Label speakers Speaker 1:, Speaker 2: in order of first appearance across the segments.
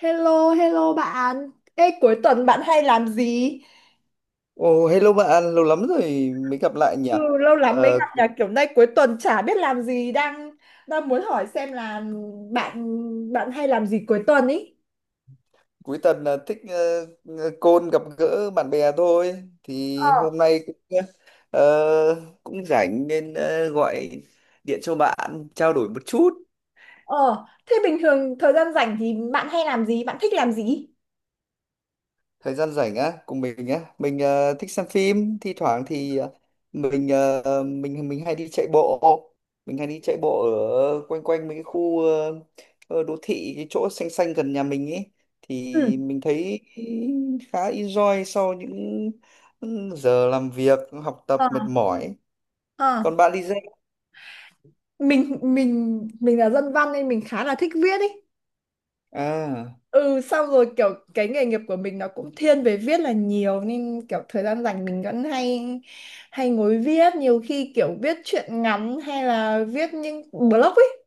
Speaker 1: Hello, hello bạn. Ê, cuối tuần bạn hay làm gì?
Speaker 2: Ồ, hello bạn, lâu lắm rồi mới gặp lại nhỉ?
Speaker 1: Ừ, lâu lắm mới
Speaker 2: Ờ,
Speaker 1: gặp nhà kiểu nay cuối tuần chả biết làm gì đang đang muốn hỏi xem là bạn bạn hay làm gì cuối tuần ý.
Speaker 2: Cuối tuần là thích ờ, ờ, côn gặp gỡ bạn bè thôi.
Speaker 1: Ờ,
Speaker 2: Thì hôm nay cũng ờ, cũng rảnh nên gọi điện cho bạn trao đổi một chút.
Speaker 1: ờ, thế bình thường thời gian rảnh thì bạn hay làm gì? Bạn thích làm gì?
Speaker 2: Thời gian rảnh á, cùng mình á, mình thích xem phim, thi thoảng thì mình hay đi chạy bộ, mình hay đi chạy bộ ở quanh quanh mấy cái khu đô thị, cái chỗ xanh xanh gần nhà mình ấy, thì
Speaker 1: Ừ.
Speaker 2: mình thấy khá enjoy sau những giờ làm việc học tập
Speaker 1: Ờ,
Speaker 2: mệt mỏi.
Speaker 1: ờ.
Speaker 2: Còn bạn đi dạy
Speaker 1: Mình là dân văn nên mình khá là thích viết ý.
Speaker 2: à?
Speaker 1: Ừ, xong rồi kiểu cái nghề nghiệp của mình nó cũng thiên về viết là nhiều nên kiểu thời gian rảnh mình vẫn hay hay ngồi viết, nhiều khi kiểu viết truyện ngắn hay là viết những blog ấy.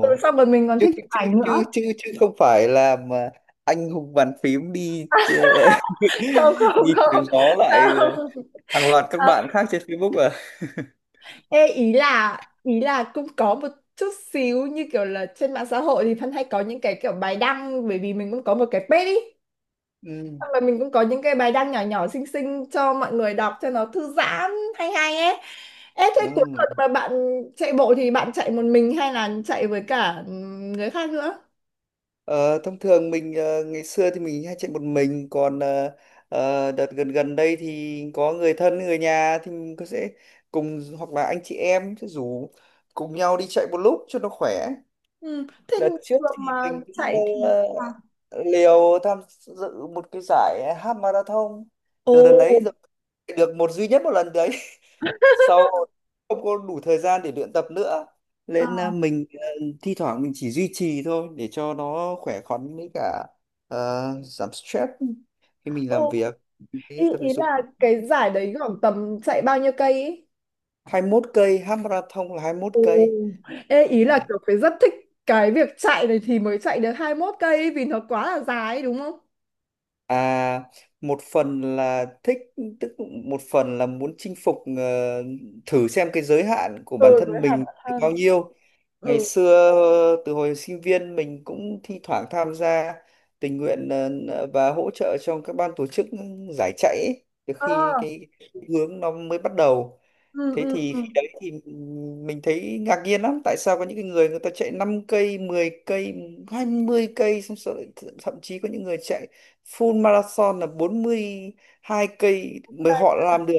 Speaker 1: Ừ, xong rồi mình còn
Speaker 2: chứ
Speaker 1: thích
Speaker 2: chứ
Speaker 1: chụp ảnh
Speaker 2: chứ
Speaker 1: nữa.
Speaker 2: chứ chứ không phải là mà anh hùng bàn phím đi
Speaker 1: Không không
Speaker 2: đi chém
Speaker 1: không
Speaker 2: gió lại
Speaker 1: không,
Speaker 2: hàng loạt các
Speaker 1: không.
Speaker 2: bạn khác trên Facebook à?
Speaker 1: Ê, ý là cũng có một chút xíu như kiểu là trên mạng xã hội thì Thân hay có những cái kiểu bài đăng, bởi vì mình cũng có một cái page ý,
Speaker 2: Ừ.
Speaker 1: xong rồi mình cũng có những cái bài đăng nhỏ nhỏ xinh xinh cho mọi người đọc cho nó thư giãn, hay hay ấy. Ê, thế cuối
Speaker 2: Ừ.
Speaker 1: tuần mà bạn chạy bộ thì bạn chạy một mình hay là chạy với cả người khác nữa?
Speaker 2: Ờ, thông thường mình ngày xưa thì mình hay chạy một mình, còn đợt gần gần đây thì có người thân, người nhà thì mình có sẽ cùng, hoặc là anh chị em sẽ rủ cùng nhau đi chạy một lúc cho nó khỏe.
Speaker 1: Ừ. Thế
Speaker 2: Đợt
Speaker 1: thường
Speaker 2: trước thì
Speaker 1: mà
Speaker 2: mình cũng
Speaker 1: chạy thì
Speaker 2: ờ,
Speaker 1: à.
Speaker 2: liều tham dự một cái giải half marathon từ đợt
Speaker 1: Ồ,
Speaker 2: đấy rồi, được một duy nhất một lần đấy. Sau không có đủ thời gian để luyện tập nữa nên
Speaker 1: à,
Speaker 2: mình thi thoảng mình chỉ duy trì thôi để cho nó khỏe khoắn, với cả à, giảm stress khi mình làm
Speaker 1: ồ.
Speaker 2: việc. Mình thấy
Speaker 1: Ý,
Speaker 2: tập
Speaker 1: ý
Speaker 2: thể dục
Speaker 1: là cái giải đấy khoảng tầm chạy bao nhiêu cây ấy?
Speaker 2: 21 cây, half marathon là 21
Speaker 1: Ồ,
Speaker 2: cây.
Speaker 1: ê, ý là kiểu phải rất thích cái việc chạy này thì mới chạy được 21 cây ấy, vì nó quá là dài ấy, đúng không?
Speaker 2: À, một phần là thích, tức một phần là muốn chinh phục, thử xem cái giới hạn của bản
Speaker 1: Ừ, với
Speaker 2: thân
Speaker 1: Hà
Speaker 2: mình
Speaker 1: Nội
Speaker 2: được bao
Speaker 1: hơn.
Speaker 2: nhiêu. Ngày
Speaker 1: Ừ.
Speaker 2: xưa từ hồi sinh viên mình cũng thi thoảng tham gia tình nguyện và hỗ trợ cho các ban tổ chức giải chạy ấy, từ
Speaker 1: À,
Speaker 2: khi cái hướng nó mới bắt đầu.
Speaker 1: ừ,
Speaker 2: Thế
Speaker 1: ừ,
Speaker 2: thì
Speaker 1: ừ.
Speaker 2: khi đấy thì mình thấy ngạc nhiên lắm, tại sao có những cái người, người ta chạy 5 cây, 10 cây, 20 cây, xong rồi thậm chí có những người chạy full marathon là bốn mươi hai cây mới
Speaker 1: Dài
Speaker 2: họ làm được.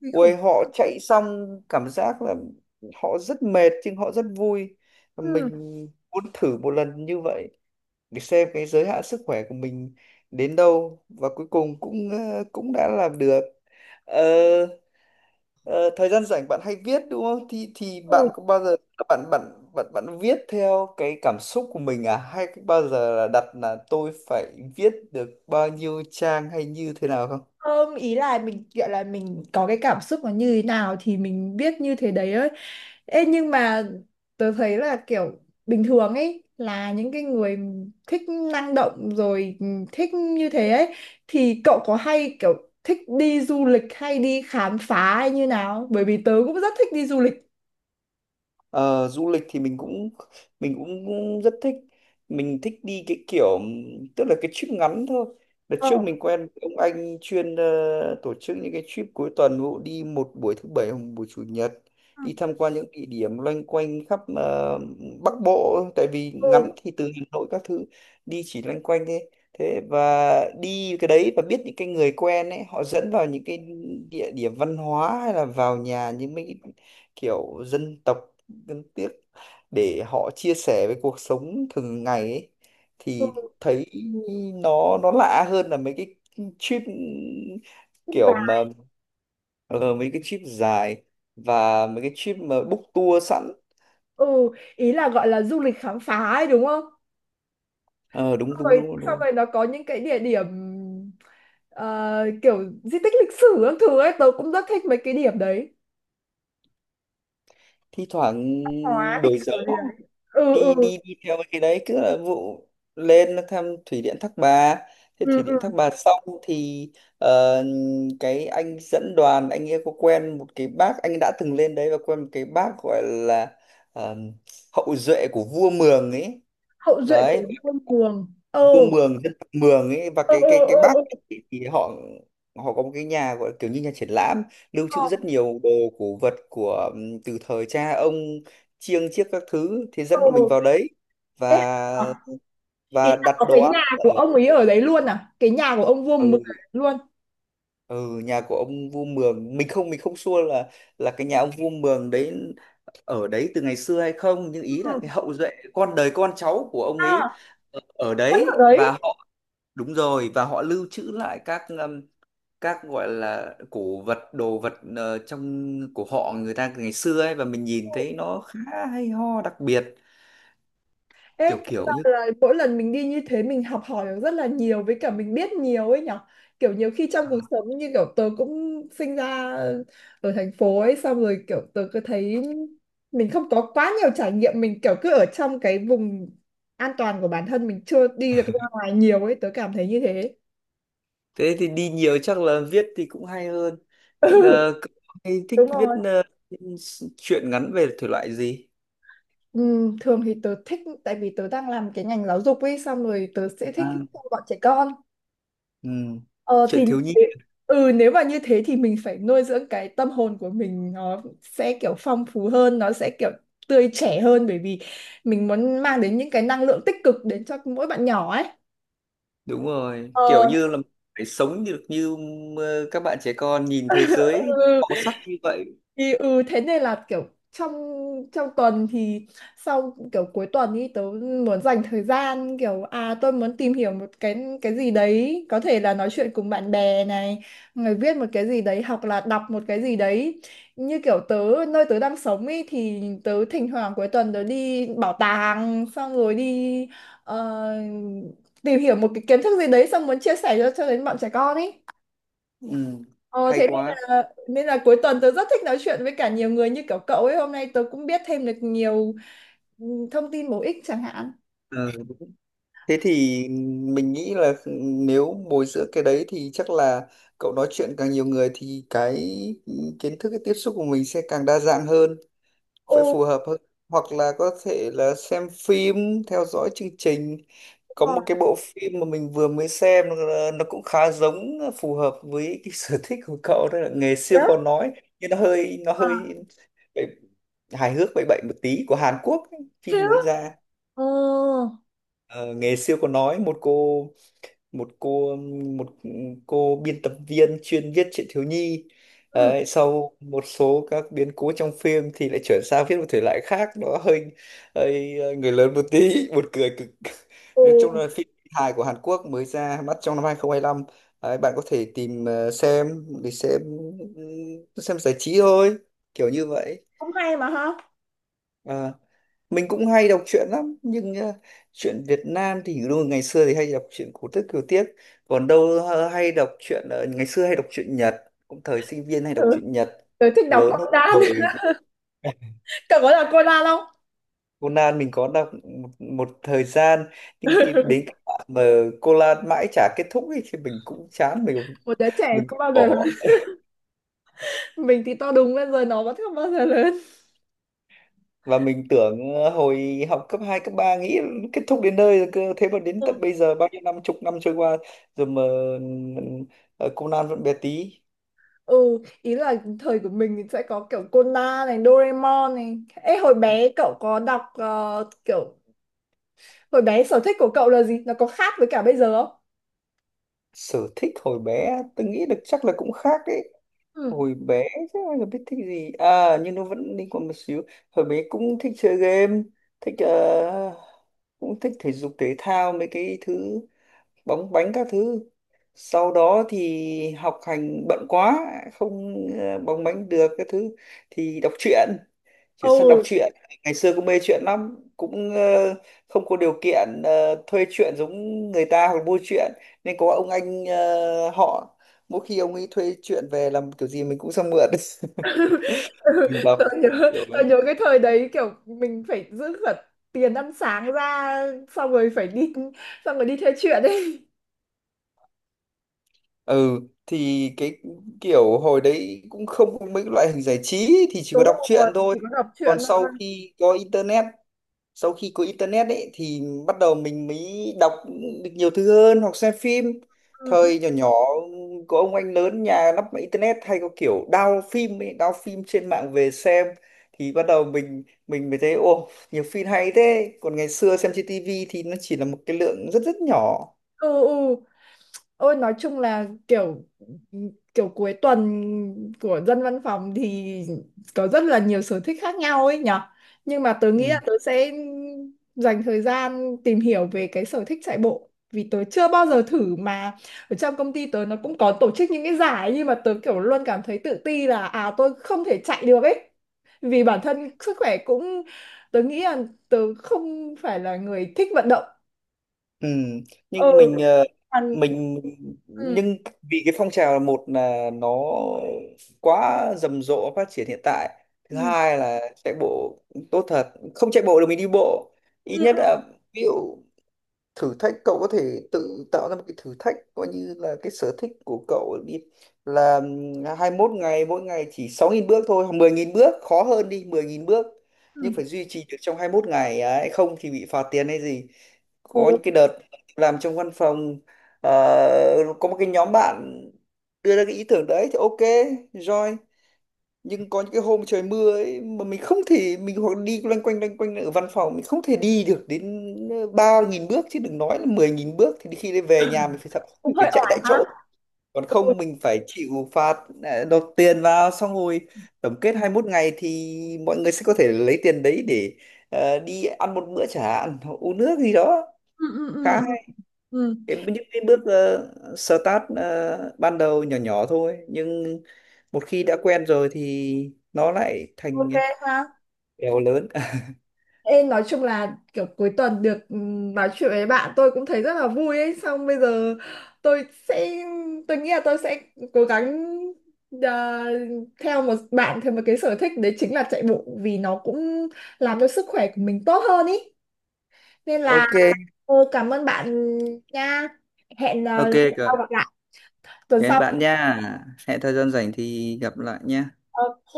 Speaker 1: kinh khủng.
Speaker 2: Ôi, họ chạy xong cảm giác là họ rất mệt nhưng họ rất vui. Và
Speaker 1: Ừ,
Speaker 2: mình muốn thử một lần như vậy để xem cái giới hạn sức khỏe của mình đến đâu, và cuối cùng cũng cũng đã làm được. Ờ, ờ, thời gian rảnh bạn hay viết đúng không? Thì
Speaker 1: ừ.
Speaker 2: bạn có bao giờ bạn bạn bạn bạn viết theo cái cảm xúc của mình, à hay bao giờ là đặt là tôi phải viết được bao nhiêu trang hay như thế nào không?
Speaker 1: Không, ý là mình gọi là mình có cái cảm xúc nó như thế nào thì mình biết như thế đấy ấy. Ê, nhưng mà tớ thấy là kiểu bình thường ấy là những cái người thích năng động rồi, thích như thế ấy, thì cậu có hay kiểu thích đi du lịch hay đi khám phá hay như nào, bởi vì tớ cũng rất thích đi du lịch.
Speaker 2: Ờ, du lịch thì mình cũng, cũng rất thích. Mình thích đi cái kiểu, tức là cái trip ngắn thôi. Đợt
Speaker 1: Ờ.
Speaker 2: trước mình quen với ông anh chuyên tổ chức những cái trip cuối tuần, vụ đi một buổi thứ bảy hoặc một buổi chủ nhật
Speaker 1: Ừ,
Speaker 2: đi tham quan những địa điểm loanh quanh khắp Bắc Bộ, tại vì
Speaker 1: ừ,
Speaker 2: ngắn thì từ Hà Nội các thứ đi chỉ loanh quanh thế. Thế và đi cái đấy và biết những cái người quen ấy, họ dẫn vào những cái địa điểm văn hóa, hay là vào nhà những mấy cái kiểu dân tộc đáng tiếc, để họ chia sẻ với cuộc sống thường ngày ấy, thì
Speaker 1: ừ,
Speaker 2: thấy nó lạ hơn là mấy cái trip
Speaker 1: thích
Speaker 2: kiểu
Speaker 1: giá.
Speaker 2: mà ờ, mấy cái trip dài và mấy cái trip mà book tour sẵn.
Speaker 1: Ừ, ý là gọi là du lịch khám phá ấy đúng không,
Speaker 2: Ờ, đúng đúng
Speaker 1: rồi
Speaker 2: đúng
Speaker 1: xong
Speaker 2: đúng
Speaker 1: rồi nó có những cái địa điểm ờ, kiểu di tích lịch sử các thứ ấy tớ cũng rất thích mấy cái điểm đấy,
Speaker 2: thi thoảng
Speaker 1: hóa lịch
Speaker 2: đổi gió
Speaker 1: sử gì đấy. Ừ,
Speaker 2: đi
Speaker 1: ừ,
Speaker 2: đi đi theo cái đấy cứ là vụ lên nó thăm thủy điện Thác Bà. Thế
Speaker 1: ừ,
Speaker 2: thủy
Speaker 1: ừ.
Speaker 2: điện Thác Bà xong thì ờ, cái anh dẫn đoàn, anh ấy có quen một cái bác, anh đã từng lên đấy và quen một cái bác gọi là ờ, hậu duệ của vua Mường ấy.
Speaker 1: Hậu duệ của
Speaker 2: Đấy,
Speaker 1: quân Đường.
Speaker 2: vua
Speaker 1: Ừ,
Speaker 2: Mường, dân tộc Mường ấy, và
Speaker 1: ừ,
Speaker 2: cái
Speaker 1: ừ,
Speaker 2: cái cái Bắc
Speaker 1: ừ, ừ.
Speaker 2: thì, họ họ có một cái nhà gọi là kiểu như nhà triển lãm, lưu
Speaker 1: Ờ,
Speaker 2: trữ rất nhiều đồ cổ vật của từ thời cha ông, chiêng chiếc các thứ, thì
Speaker 1: ờ.
Speaker 2: dẫn bọn mình vào đấy.
Speaker 1: Thế
Speaker 2: Và
Speaker 1: hả? Ý là
Speaker 2: đặt
Speaker 1: có
Speaker 2: đồ
Speaker 1: cái
Speaker 2: ăn
Speaker 1: nhà của
Speaker 2: ở
Speaker 1: ông ấy ở đấy luôn à, cái nhà của ông vua
Speaker 2: ở
Speaker 1: mực luôn.
Speaker 2: ừ, nhà của ông vua Mường, mình không, không sure là cái nhà ông vua Mường đấy ở đấy từ ngày xưa hay không, nhưng
Speaker 1: Ừ.
Speaker 2: ý
Speaker 1: Ừ.
Speaker 2: là cái hậu duệ, con đời con cháu của ông ấy
Speaker 1: À,
Speaker 2: ở ở
Speaker 1: vẫn ở
Speaker 2: đấy, và
Speaker 1: đấy.
Speaker 2: họ, đúng rồi, và họ lưu trữ lại các gọi là cổ vật, đồ vật trong của họ người ta ngày xưa ấy, và mình nhìn thấy nó khá hay ho, đặc biệt.
Speaker 1: Ê,
Speaker 2: Kiểu
Speaker 1: thế
Speaker 2: kiểu
Speaker 1: là
Speaker 2: như
Speaker 1: là mỗi lần mình đi như thế mình học hỏi được rất là nhiều, với cả mình biết nhiều ấy nhở, kiểu nhiều khi trong cuộc sống như kiểu tớ cũng sinh ra ở thành phố ấy xong rồi kiểu tớ cứ thấy mình không có quá nhiều trải nghiệm, mình kiểu cứ ở trong cái vùng an toàn của bản thân mình, chưa đi được ra ngoài nhiều ấy, tớ cảm thấy như thế.
Speaker 2: thế thì đi nhiều chắc là viết thì cũng hay hơn.
Speaker 1: Ừ,
Speaker 2: Ờ, cậu hay thích
Speaker 1: đúng
Speaker 2: viết
Speaker 1: rồi.
Speaker 2: truyện ngắn về thể loại gì?
Speaker 1: Ừ, thường thì tớ thích, tại vì tớ đang làm cái ngành giáo dục ấy xong rồi tớ sẽ thích
Speaker 2: À,
Speaker 1: bọn trẻ con.
Speaker 2: ừ,
Speaker 1: Ờ
Speaker 2: truyện
Speaker 1: thì như
Speaker 2: thiếu nhi.
Speaker 1: thế- Ừ, nếu mà như thế thì mình phải nuôi dưỡng cái tâm hồn của mình, nó sẽ kiểu phong phú hơn, nó sẽ kiểu tươi trẻ hơn, bởi vì mình muốn mang đến những cái năng lượng tích cực đến cho mỗi bạn nhỏ ấy.
Speaker 2: Đúng rồi, kiểu
Speaker 1: Ờ.
Speaker 2: như là phải sống được như các bạn trẻ con nhìn thế giới
Speaker 1: Ừ,
Speaker 2: màu sắc như vậy.
Speaker 1: thì thế nên là kiểu trong trong tuần thì sau kiểu cuối tuần ý tớ muốn dành thời gian kiểu à tôi muốn tìm hiểu một cái gì đấy, có thể là nói chuyện cùng bạn bè này, người viết một cái gì đấy hoặc là đọc một cái gì đấy, như kiểu tớ nơi tớ đang sống ý thì tớ thỉnh thoảng cuối tuần tớ đi bảo tàng xong rồi đi ờ, tìm hiểu một cái kiến thức gì đấy xong muốn chia sẻ cho đến bọn trẻ con ý.
Speaker 2: Ừ.
Speaker 1: Ờ,
Speaker 2: Hay
Speaker 1: thế nên
Speaker 2: quá.
Speaker 1: là nên là cuối tuần tớ rất thích nói chuyện với cả nhiều người như kiểu cậu ấy, hôm nay tớ cũng biết thêm được nhiều ừ, thông tin bổ ích chẳng hạn.
Speaker 2: Ừ. Thế thì mình nghĩ là nếu bồi dưỡng cái đấy thì chắc là cậu nói chuyện càng nhiều người thì cái kiến thức, cái tiếp xúc của mình sẽ càng đa dạng hơn, phải
Speaker 1: Ồ,
Speaker 2: phù hợp hơn. Hoặc là có thể là xem phim, theo dõi chương trình. Có
Speaker 1: đúng rồi.
Speaker 2: một cái bộ phim mà mình vừa mới xem, nó cũng khá giống phù hợp với cái sở thích của cậu, đó là Nghề
Speaker 1: Thế
Speaker 2: Siêu Khó
Speaker 1: á?
Speaker 2: Nói, nhưng nó hơi
Speaker 1: À?
Speaker 2: bậy- hài hước bậy bậy một tí, của Hàn Quốc ấy,
Speaker 1: Thế
Speaker 2: phim mới
Speaker 1: á?
Speaker 2: ra.
Speaker 1: Ờ,
Speaker 2: Ờ, Nghề Siêu Khó Nói, một cô, một cô một cô biên tập viên chuyên viết truyện thiếu nhi.
Speaker 1: ừ.
Speaker 2: Đấy, sau một số các biến cố trong phim thì lại chuyển sang viết một thể loại khác, nó hơi, hơi người lớn một tí, buồn cười cực. Nói chung
Speaker 1: Ồ,
Speaker 2: là phim hài của Hàn Quốc mới ra mắt trong năm 2025. Đấy, bạn có thể tìm xem để xem, ừ, xem giải trí thôi kiểu như vậy.
Speaker 1: cũng hay mà ha.
Speaker 2: Ờ, mình cũng hay đọc truyện lắm, nhưng truyện Việt Nam thì đúng là ngày xưa thì hay đọc truyện cổ tích kiều tiếc, còn đâu hay đọc truyện ngày xưa hay đọc truyện Nhật, cũng thời sinh viên hay đọc
Speaker 1: Ừ,
Speaker 2: truyện Nhật
Speaker 1: tớ thích đọc
Speaker 2: lớn hơn.
Speaker 1: Conan.
Speaker 2: Thời
Speaker 1: Cậu có đọc Conan không?
Speaker 2: Conan mình có đọc một, một thời gian, nhưng cái, đến cái đoạn mà Conan mãi chả kết thúc ấy, thì mình cũng chán, mình
Speaker 1: Một đứa trẻ
Speaker 2: mình cũng
Speaker 1: không bao giờ lớn.
Speaker 2: bỏ.
Speaker 1: Mình thì to đúng lên rồi nó vẫn không bao giờ lớn.
Speaker 2: Và mình tưởng hồi học cấp 2 cấp 3 nghĩ kết thúc đến nơi rồi, cơ thế mà đến
Speaker 1: Ừ,
Speaker 2: tận bây giờ bao nhiêu năm, chục năm trôi qua rồi mà ờ, Conan vẫn bé tí.
Speaker 1: ừ, ý là thời của mình thì sẽ có kiểu Conan này, Doraemon này. Ê, hồi bé cậu có đọc kiểu hồi bé sở thích của cậu là gì? Nó có khác với cả bây giờ không?
Speaker 2: Sở thích hồi bé tôi nghĩ được chắc là cũng khác đấy.
Speaker 1: Ừ.
Speaker 2: Hồi bé chắc là biết thích gì à, nhưng nó vẫn liên quan một xíu. Hồi bé cũng thích chơi game, thích cũng thích thể dục thể thao, mấy cái thứ bóng bánh các thứ. Sau đó thì học hành bận quá, không bóng bánh được các thứ thì đọc truyện,
Speaker 1: Ồ.
Speaker 2: chuyển sang đọc truyện. Ngày xưa cũng mê truyện lắm, cũng không có điều kiện thuê truyện giống người ta hoặc mua truyện, nên có ông anh họ, mỗi khi ông ấy thuê truyện về làm kiểu gì mình cũng sang mượn. Mình đọc
Speaker 1: tao nhớ,
Speaker 2: kiểu,
Speaker 1: tao nhớ cái thời đấy kiểu mình phải giữ cả tiền ăn sáng ra xong rồi phải đi, xong rồi đi theo chuyện ấy.
Speaker 2: ừ, thì cái kiểu hồi đấy cũng không có mấy loại hình giải trí thì chỉ có
Speaker 1: Đúng
Speaker 2: đọc
Speaker 1: rồi,
Speaker 2: truyện thôi.
Speaker 1: chỉ có đọc
Speaker 2: Còn
Speaker 1: truyện
Speaker 2: sau
Speaker 1: thôi.
Speaker 2: khi có internet, sau khi có internet ấy thì bắt đầu mình mới đọc được nhiều thứ hơn, hoặc xem phim.
Speaker 1: Ừ,
Speaker 2: Thời nhỏ nhỏ có ông anh lớn nhà lắp máy internet, hay có kiểu download phim ấy, download phim trên mạng về xem, thì bắt đầu mình mới thấy ô, nhiều phim hay thế, còn ngày xưa xem trên tivi thì nó chỉ là một cái lượng rất rất nhỏ.
Speaker 1: ừ, ừ. Ôi nói chung là kiểu kiểu cuối tuần của dân văn phòng thì có rất là nhiều sở thích khác nhau ấy nhở. Nhưng mà tớ nghĩ là
Speaker 2: Ừ.
Speaker 1: tớ sẽ dành thời gian tìm hiểu về cái sở thích chạy bộ, vì tớ chưa bao giờ thử mà, ở trong công ty tớ nó cũng có tổ chức những cái giải nhưng mà tớ kiểu luôn cảm thấy tự ti là à tôi không thể chạy được ấy. Vì bản thân sức khỏe cũng tớ nghĩ là tớ không phải là người thích vận động.
Speaker 2: Ừ,
Speaker 1: Ừ.
Speaker 2: nhưng mình
Speaker 1: còn- Ừ.
Speaker 2: nhưng vì cái phong trào, là một là nó quá rầm rộ phát triển hiện tại, thứ hai là chạy bộ tốt thật. Không chạy bộ được mình đi bộ,
Speaker 1: Ừ.
Speaker 2: ít nhất là, ví dụ thử thách, cậu có thể tự tạo ra một cái thử thách coi như là cái sở thích của cậu đi, là 21 ngày mỗi ngày chỉ 6.000 bước thôi, hoặc 10.000 bước khó hơn, đi 10.000 bước,
Speaker 1: Ừ.
Speaker 2: nhưng phải duy trì được trong 21 ngày ấy, không thì bị phạt tiền hay gì. Có
Speaker 1: Ồ,
Speaker 2: những cái đợt làm trong văn phòng có một cái nhóm bạn đưa ra cái ý tưởng đấy thì ok, join. Nhưng có những cái hôm trời mưa ấy mà mình không thể, hoặc đi loanh quanh ở văn phòng, mình không thể đi được đến ba nghìn bước, chứ đừng nói là mười nghìn bước, thì khi đấy về nhà mình phải thật,
Speaker 1: cũng
Speaker 2: mình phải
Speaker 1: hơi
Speaker 2: chạy
Speaker 1: oải
Speaker 2: tại
Speaker 1: ha.
Speaker 2: chỗ, còn
Speaker 1: Ừ.
Speaker 2: không mình phải chịu phạt, nộp tiền vào. Xong rồi tổng kết 21 ngày thì mọi người sẽ có thể lấy tiền đấy để đi ăn một bữa chẳng hạn, uống nước gì đó.
Speaker 1: Ừ, ừ,
Speaker 2: Khá
Speaker 1: ừ, ừ. Ừ.
Speaker 2: cái những cái bước start ban đầu nhỏ nhỏ thôi, nhưng một khi đã quen rồi thì nó lại thành
Speaker 1: Ok ha.
Speaker 2: bèo lớn.
Speaker 1: Ê, nói chung là kiểu cuối tuần được nói chuyện với bạn tôi cũng thấy rất là vui ấy. Xong bây giờ tôi sẽ tôi nghĩ là tôi sẽ cố gắng, à, theo một cái sở thích đấy chính là chạy bộ, vì nó cũng làm cho sức khỏe của mình tốt hơn ý. Nên là
Speaker 2: Ok,
Speaker 1: cảm ơn bạn nha. Hẹn
Speaker 2: ok
Speaker 1: tuần sau
Speaker 2: cả.
Speaker 1: gặp lại. Tuần
Speaker 2: Cảm ơn
Speaker 1: sau.
Speaker 2: bạn nha, hẹn thời gian rảnh thì gặp lại nha.
Speaker 1: Ok.